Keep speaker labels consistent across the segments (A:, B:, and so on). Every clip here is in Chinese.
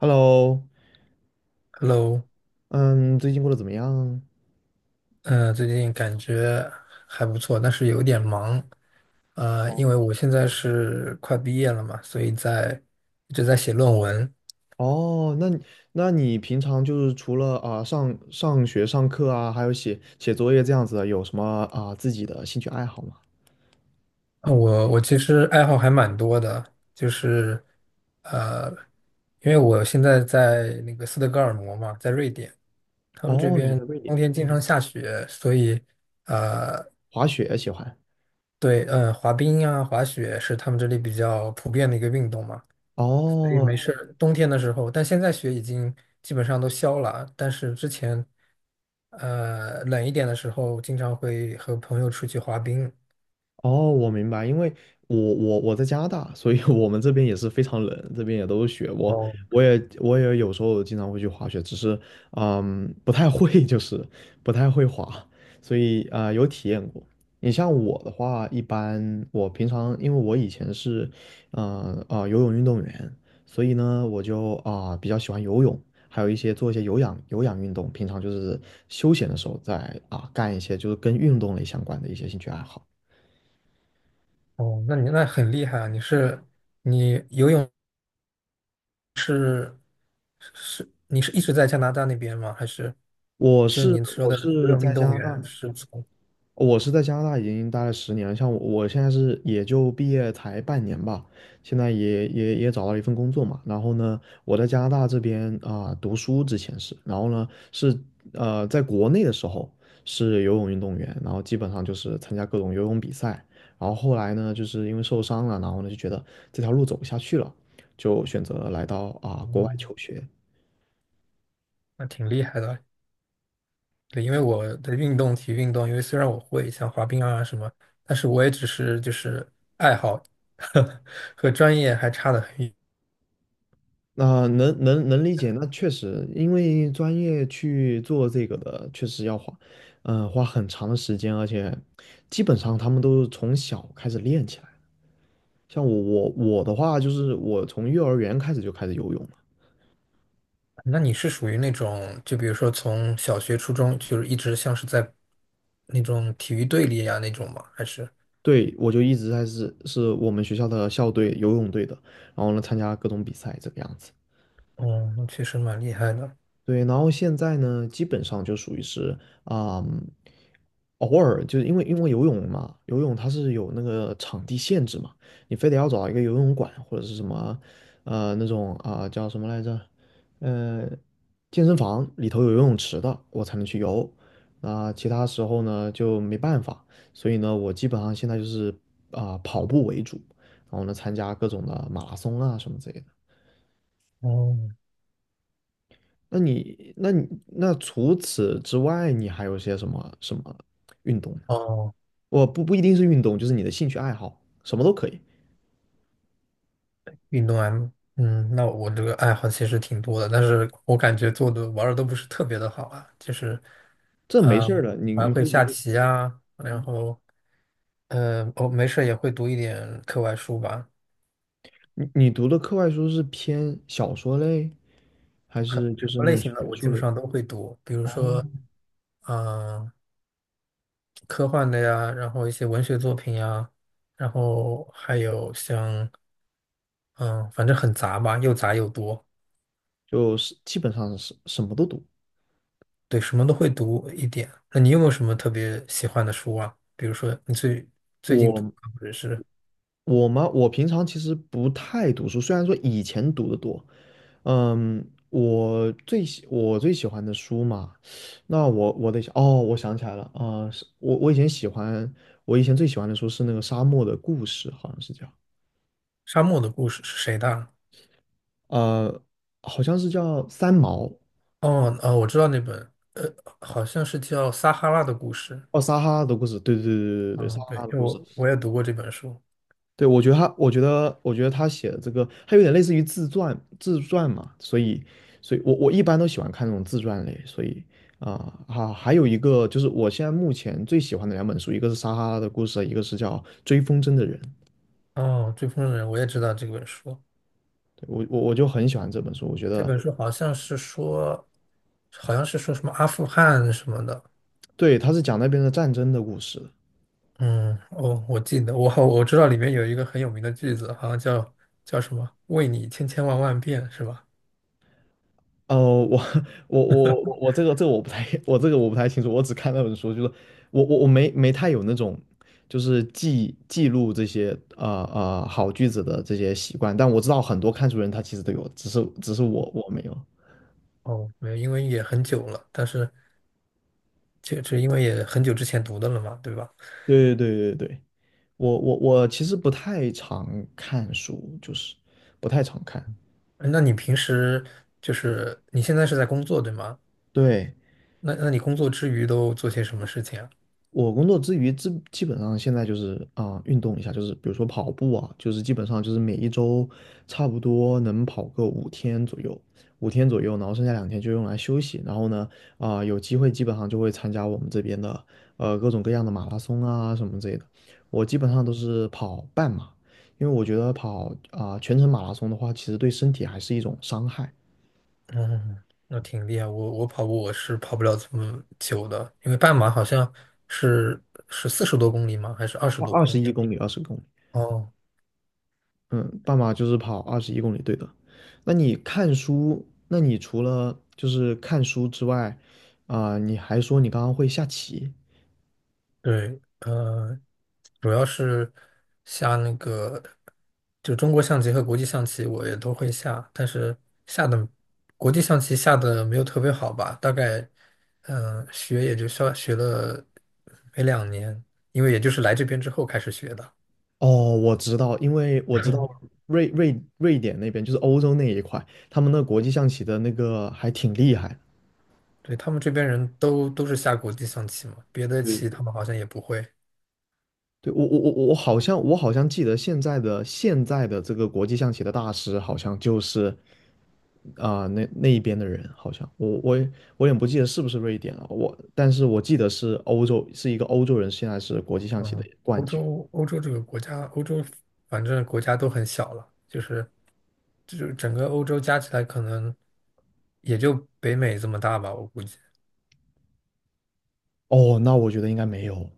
A: Hello，
B: Hello，
A: 嗯，最近过得怎么样？
B: 最近感觉还不错，但是有点忙
A: 哦，
B: 因为我现在是快毕业了嘛，所以一直在写论文。
A: 哦，那你平常就是除了上学上课啊，还有写写作业这样子的，有什么自己的兴趣爱好吗？
B: 我其实爱好还蛮多的，就是呃，因为我现在在那个斯德哥尔摩嘛，在瑞典，他们这
A: 哦，你在瑞典，
B: 冬天经常
A: 嗯，
B: 下雪，所以呃，
A: 滑雪喜欢。
B: 对，滑冰啊、滑雪是他们这里比较普遍的一个运动嘛。所以
A: 哦，
B: 没事儿。冬天的时候，但现在雪已经基本上都消了，但是之前冷一点的时候，经常会和朋友出去滑冰。
A: 哦，我明白，因为我在加拿大，所以我们这边也是非常冷，这边也都是雪。我
B: 哦，
A: 我也有时候经常会去滑雪，只是不太会，就是不太会滑，所以有体验过。你像我的话，一般我平常因为我以前是游泳运动员，所以呢我就比较喜欢游泳，还有一些做一些有氧运动，平常就是休闲的时候在干一些就是跟运动类相关的一些兴趣爱好。
B: 哦，那你很厉害啊！你是你游泳是你是一直在加拿大那边吗？还是
A: 我
B: 就是
A: 是
B: 您说
A: 我
B: 的游
A: 是
B: 泳
A: 在
B: 运
A: 加
B: 动
A: 拿大，
B: 员是从？
A: 我是在加拿大已经待了十年了，像我现在是也就毕业才半年吧，现在也找到了一份工作嘛。然后呢，我在加拿大这边读书之前是，然后呢是在国内的时候是游泳运动员，然后基本上就是参加各种游泳比赛，然后后来呢就是因为受伤了，然后呢就觉得这条路走不下去了，就选择来到国外
B: 嗯，
A: 求学。
B: 那挺厉害的。对，因为我的运动、体育运动，因为虽然我会像滑冰啊什么，但是我也只是就是爱好，和专业还差得很远。
A: 那能理解，那确实，因为专业去做这个的，确实要花，嗯、花很长的时间，而且基本上他们都是从小开始练起来。像我的话，就是我从幼儿园开始就开始游泳了，
B: 那你是属于那种，就比如说从小学、初中，就是一直像是在那种体育队里啊那种吗？还是？
A: 对，我就一直是我们学校的校队游泳队的，然后呢参加各种比赛这个样子。
B: 嗯，那确实蛮厉害的。
A: 对，然后现在呢，基本上就属于是啊、偶尔就是因为游泳嘛，游泳它是有那个场地限制嘛，你非得要找一个游泳馆或者是什么那种叫什么来着，呃健身房里头有游泳池的，我才能去游。那、其他时候呢就没办法，所以呢，我基本上现在就是跑步为主，然后呢参加各种的马拉松啊什么之类的。
B: 哦
A: 那除此之外，你还有些什么运动呢？
B: 哦，
A: 我不不一定是运动，就是你的兴趣爱好，什么都可以。
B: 运动 M，嗯，那我这个爱好其实挺多的，但是我感觉做的玩的都不是特别的好啊，就是。
A: 这没
B: 呃，
A: 事儿的，你
B: 还
A: 你可
B: 会
A: 以直
B: 下
A: 接
B: 棋啊，然
A: 嗯，
B: 后，我没事儿也会读一点课外书吧，
A: 你读的课外书是偏小说类，还是就
B: 什
A: 是
B: 么
A: 那
B: 类
A: 种
B: 型的
A: 学
B: 我基
A: 术
B: 本
A: 类的？
B: 上都会读，比如
A: 哦，
B: 说，嗯、科幻的呀，然后一些文学作品呀，然后还有像，嗯、反正很杂吧，又杂又多，
A: 就是基本上是什么都读。
B: 对，什么都会读一点。那你有没有什么特别喜欢的书啊？比如说你最近读
A: 我
B: 的，或者是
A: 我吗？我平常其实不太读书，虽然说以前读的多。嗯，我最喜欢的书嘛，那我得想哦，我想起来了啊，是我以前最喜欢的书是那个《沙漠的故事》，好像是叫
B: 《沙漠的故事》是谁的啊？
A: 呃，好像是叫三毛。
B: 哦，哦，我知道那本，好像是叫《撒哈拉的故事》。
A: 哦，撒哈拉的故事，对对对对对对，撒
B: 嗯，对，
A: 哈拉的
B: 因为
A: 故事，
B: 我也读过这本书。
A: 对，我觉得他，我觉得，我觉得他写的这个，他有点类似于自传，自传嘛，所以，所以我一般都喜欢看那种自传类，所以还有一个就是我现在目前最喜欢的两本书，一个是《撒哈拉的故事》，一个是叫《追风筝的人》。
B: 哦，《追风筝的人》，我也知道这本书。
A: 对我就很喜欢这本书，我觉
B: 这
A: 得
B: 本书好像是说什么阿富汗什么的。
A: 对，他是讲那边的战争的故事。
B: 嗯，哦，我记得，我知道里面有一个很有名的句子，好像叫什么"为你千千万万遍"，是吧？
A: 哦，我 我这个我不太 我这个我不太清楚，我只看那本书，就是我没太有那种就是记录这些啊啊、好句子的这些习惯，但我知道很多看书人他其实都有，只是我没有。
B: 哦，没有，因为也很久了，但是就因为也很久之前读的了嘛，对吧？
A: 对对对对对，我其实不太常看书，就是不太常看。
B: 哎那你平时就是你现在是在工作，对吗？
A: 对，
B: 那你工作之余都做些什么事情啊？
A: 我工作之余，基本上现在就是运动一下，就是比如说跑步啊，就是基本上就是每一周差不多能跑个五天左右，五天左右，然后剩下两天就用来休息。然后呢，有机会基本上就会参加我们这边的各种各样的马拉松啊什么之类的。我基本上都是跑半马，因为我觉得跑全程马拉松的话，其实对身体还是一种伤害，
B: 嗯，那挺厉害。我跑步我是跑不了这么久的，因为半马好像是是四十多公里吗？还是二十多
A: 二
B: 公
A: 十
B: 里
A: 一
B: 啊？
A: 公里、二十公里。
B: 哦，
A: 嗯，半马就是跑二十一公里，对的。那你除了就是看书之外，你还说你刚刚会下棋。
B: 对，主要是下那个就中国象棋和国际象棋我也都会下，但是下的国际象棋下的没有特别好吧，大概学也就学学了没两年，因为也就是来这边之后开始学的。
A: 哦，我知道，因为我知道瑞典那边就是欧洲那一块，他们那国际象棋的那个还挺厉害的。
B: 对，他们这边人都是下国际象棋嘛，别的
A: 对
B: 棋
A: 对
B: 他们好像也不会。
A: 对，我好像记得现在的这个国际象棋的大师好像就是那一边的人好像我也不记得是不是瑞典了，但是我记得是欧洲，是一个欧洲人，现在是国际象棋的
B: 嗯，
A: 冠
B: 欧
A: 军。
B: 洲欧洲这个国家，欧洲反正国家都很小了，就是整个欧洲加起来可能也就北美这么大吧，我估计。
A: 哦，那我觉得应该没有，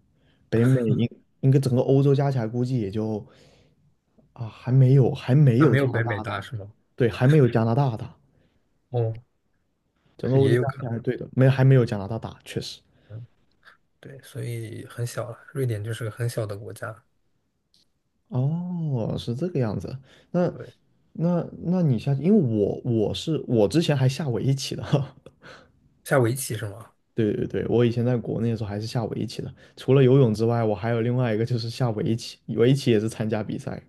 A: 北美应该整个欧洲加起来估计也就还没有还没
B: 那
A: 有
B: 没
A: 加
B: 有
A: 拿
B: 北美
A: 大
B: 大
A: 大，
B: 是吗？
A: 对，还没有加拿大大，
B: 哦，
A: 整
B: 但
A: 个
B: 是
A: 欧
B: 也
A: 洲
B: 有
A: 加
B: 可
A: 起来
B: 能。
A: 对的，没还没有加拿大大，确实。
B: 嗯，对，所以很小了。瑞典就是个很小的国家。
A: 哦，是这个样子。那
B: 对，
A: 那那你下，因为我之前还下围棋的，
B: 下围棋是吗？
A: 对对对，我以前在国内的时候还是下围棋的，除了游泳之外，我还有另外一个就是下围棋，围棋也是参加比赛。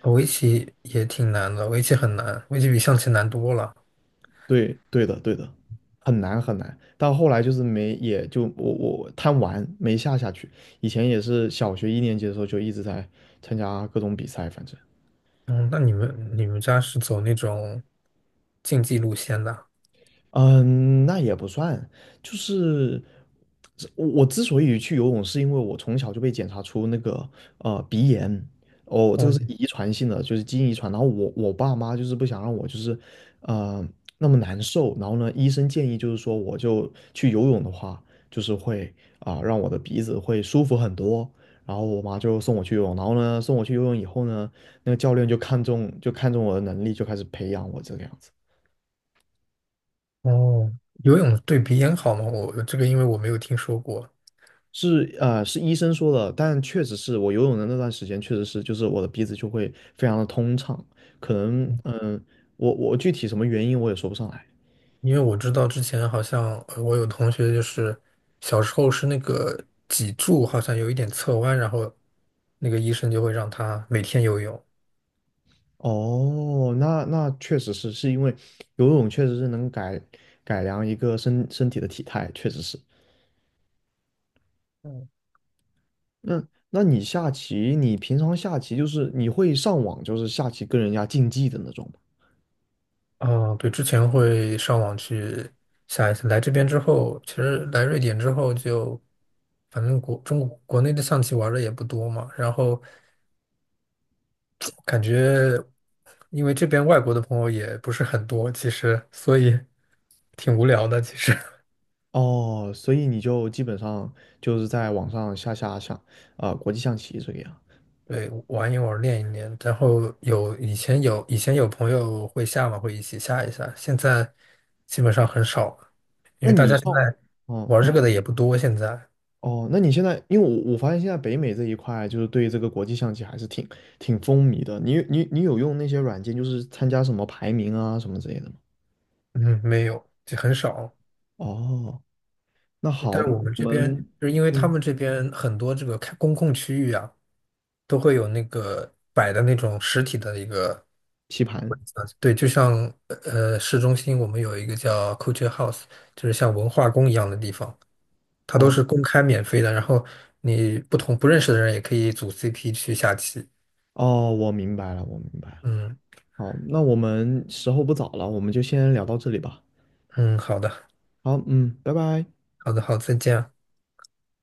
B: 哦围棋也挺难的，围棋很难，围棋比象棋难多了。
A: 对对的对的，很难很难。到后来就是没，也就我贪玩没下下去。以前也是小学一年级的时候就一直在参加各种比赛，反正。
B: 嗯，那你们家是走那种竞技路线的啊？
A: 嗯，那也不算，就是是我之所以去游泳，是因为我从小就被检查出那个鼻炎，哦，这个是
B: 嗯，
A: 遗传性的，就是基因遗传。然后我爸妈就是不想让我就是呃那么难受，然后呢，医生建议就是说我就去游泳的话，就是会让我的鼻子会舒服很多。然后我妈就送我去游泳，然后呢送我去游泳以后呢，那个教练就看中我的能力，就开始培养我这个样子。
B: 哦，游泳对鼻炎好吗？我这个因为我没有听说过，
A: 是是医生说的，但确实是我游泳的那段时间，确实是就是我的鼻子就会非常的通畅，可能我具体什么原因我也说不上来。
B: 因为我知道之前好像我有同学就是小时候是那个脊柱好像有一点侧弯，然后那个医生就会让他每天游泳。
A: 哦，那确实是因为游泳确实是能改良一个身体的体态，确实是。
B: 嗯，
A: 那那你下棋，你平常下棋就是你会上网就是下棋跟人家竞技的那种吗？
B: 哦，对，之前会上网去下一次。来这边之后，其实来瑞典之后就，反正国中国国内的象棋玩的也不多嘛，然后。感觉因为这边外国的朋友也不是很多，其实所以 挺无聊的。其实
A: 哦，所以你就基本上就是在网上下国际象棋这个样。
B: 对，玩一玩，练一练。然后有以前有以前有朋友会下嘛，会一起下一下。现在基本上很少了，因
A: 那
B: 为大
A: 你
B: 家现
A: 上，
B: 在
A: 哦，
B: 玩这个
A: 嗯，
B: 的也不多。现在
A: 哦，那你现在，因为我发现现在北美这一块就是对这个国际象棋还是挺风靡的。你有用那些软件，就是参加什么排名啊什么之类的吗？
B: 嗯，没有，就很少。
A: 哦，那
B: 对，
A: 好，
B: 但是
A: 那
B: 我们
A: 我
B: 这边
A: 们
B: 就是因为他
A: 嗯
B: 们这边很多这个开公共区域啊。都会有那个摆的那种实体的一个
A: 棋盘，
B: 对，就像市中心我们有一个叫 Culture House，就是像文化宫一样的地方，它都
A: 哦
B: 是公开免费的，然后你不认识的人也可以组 CP 去下棋。
A: 哦，我明白了，我明白了。
B: 嗯
A: 好，那我们时候不早了，我们就先聊到这里吧。
B: 嗯，好的
A: 好，嗯，拜拜。
B: 好的好，再见啊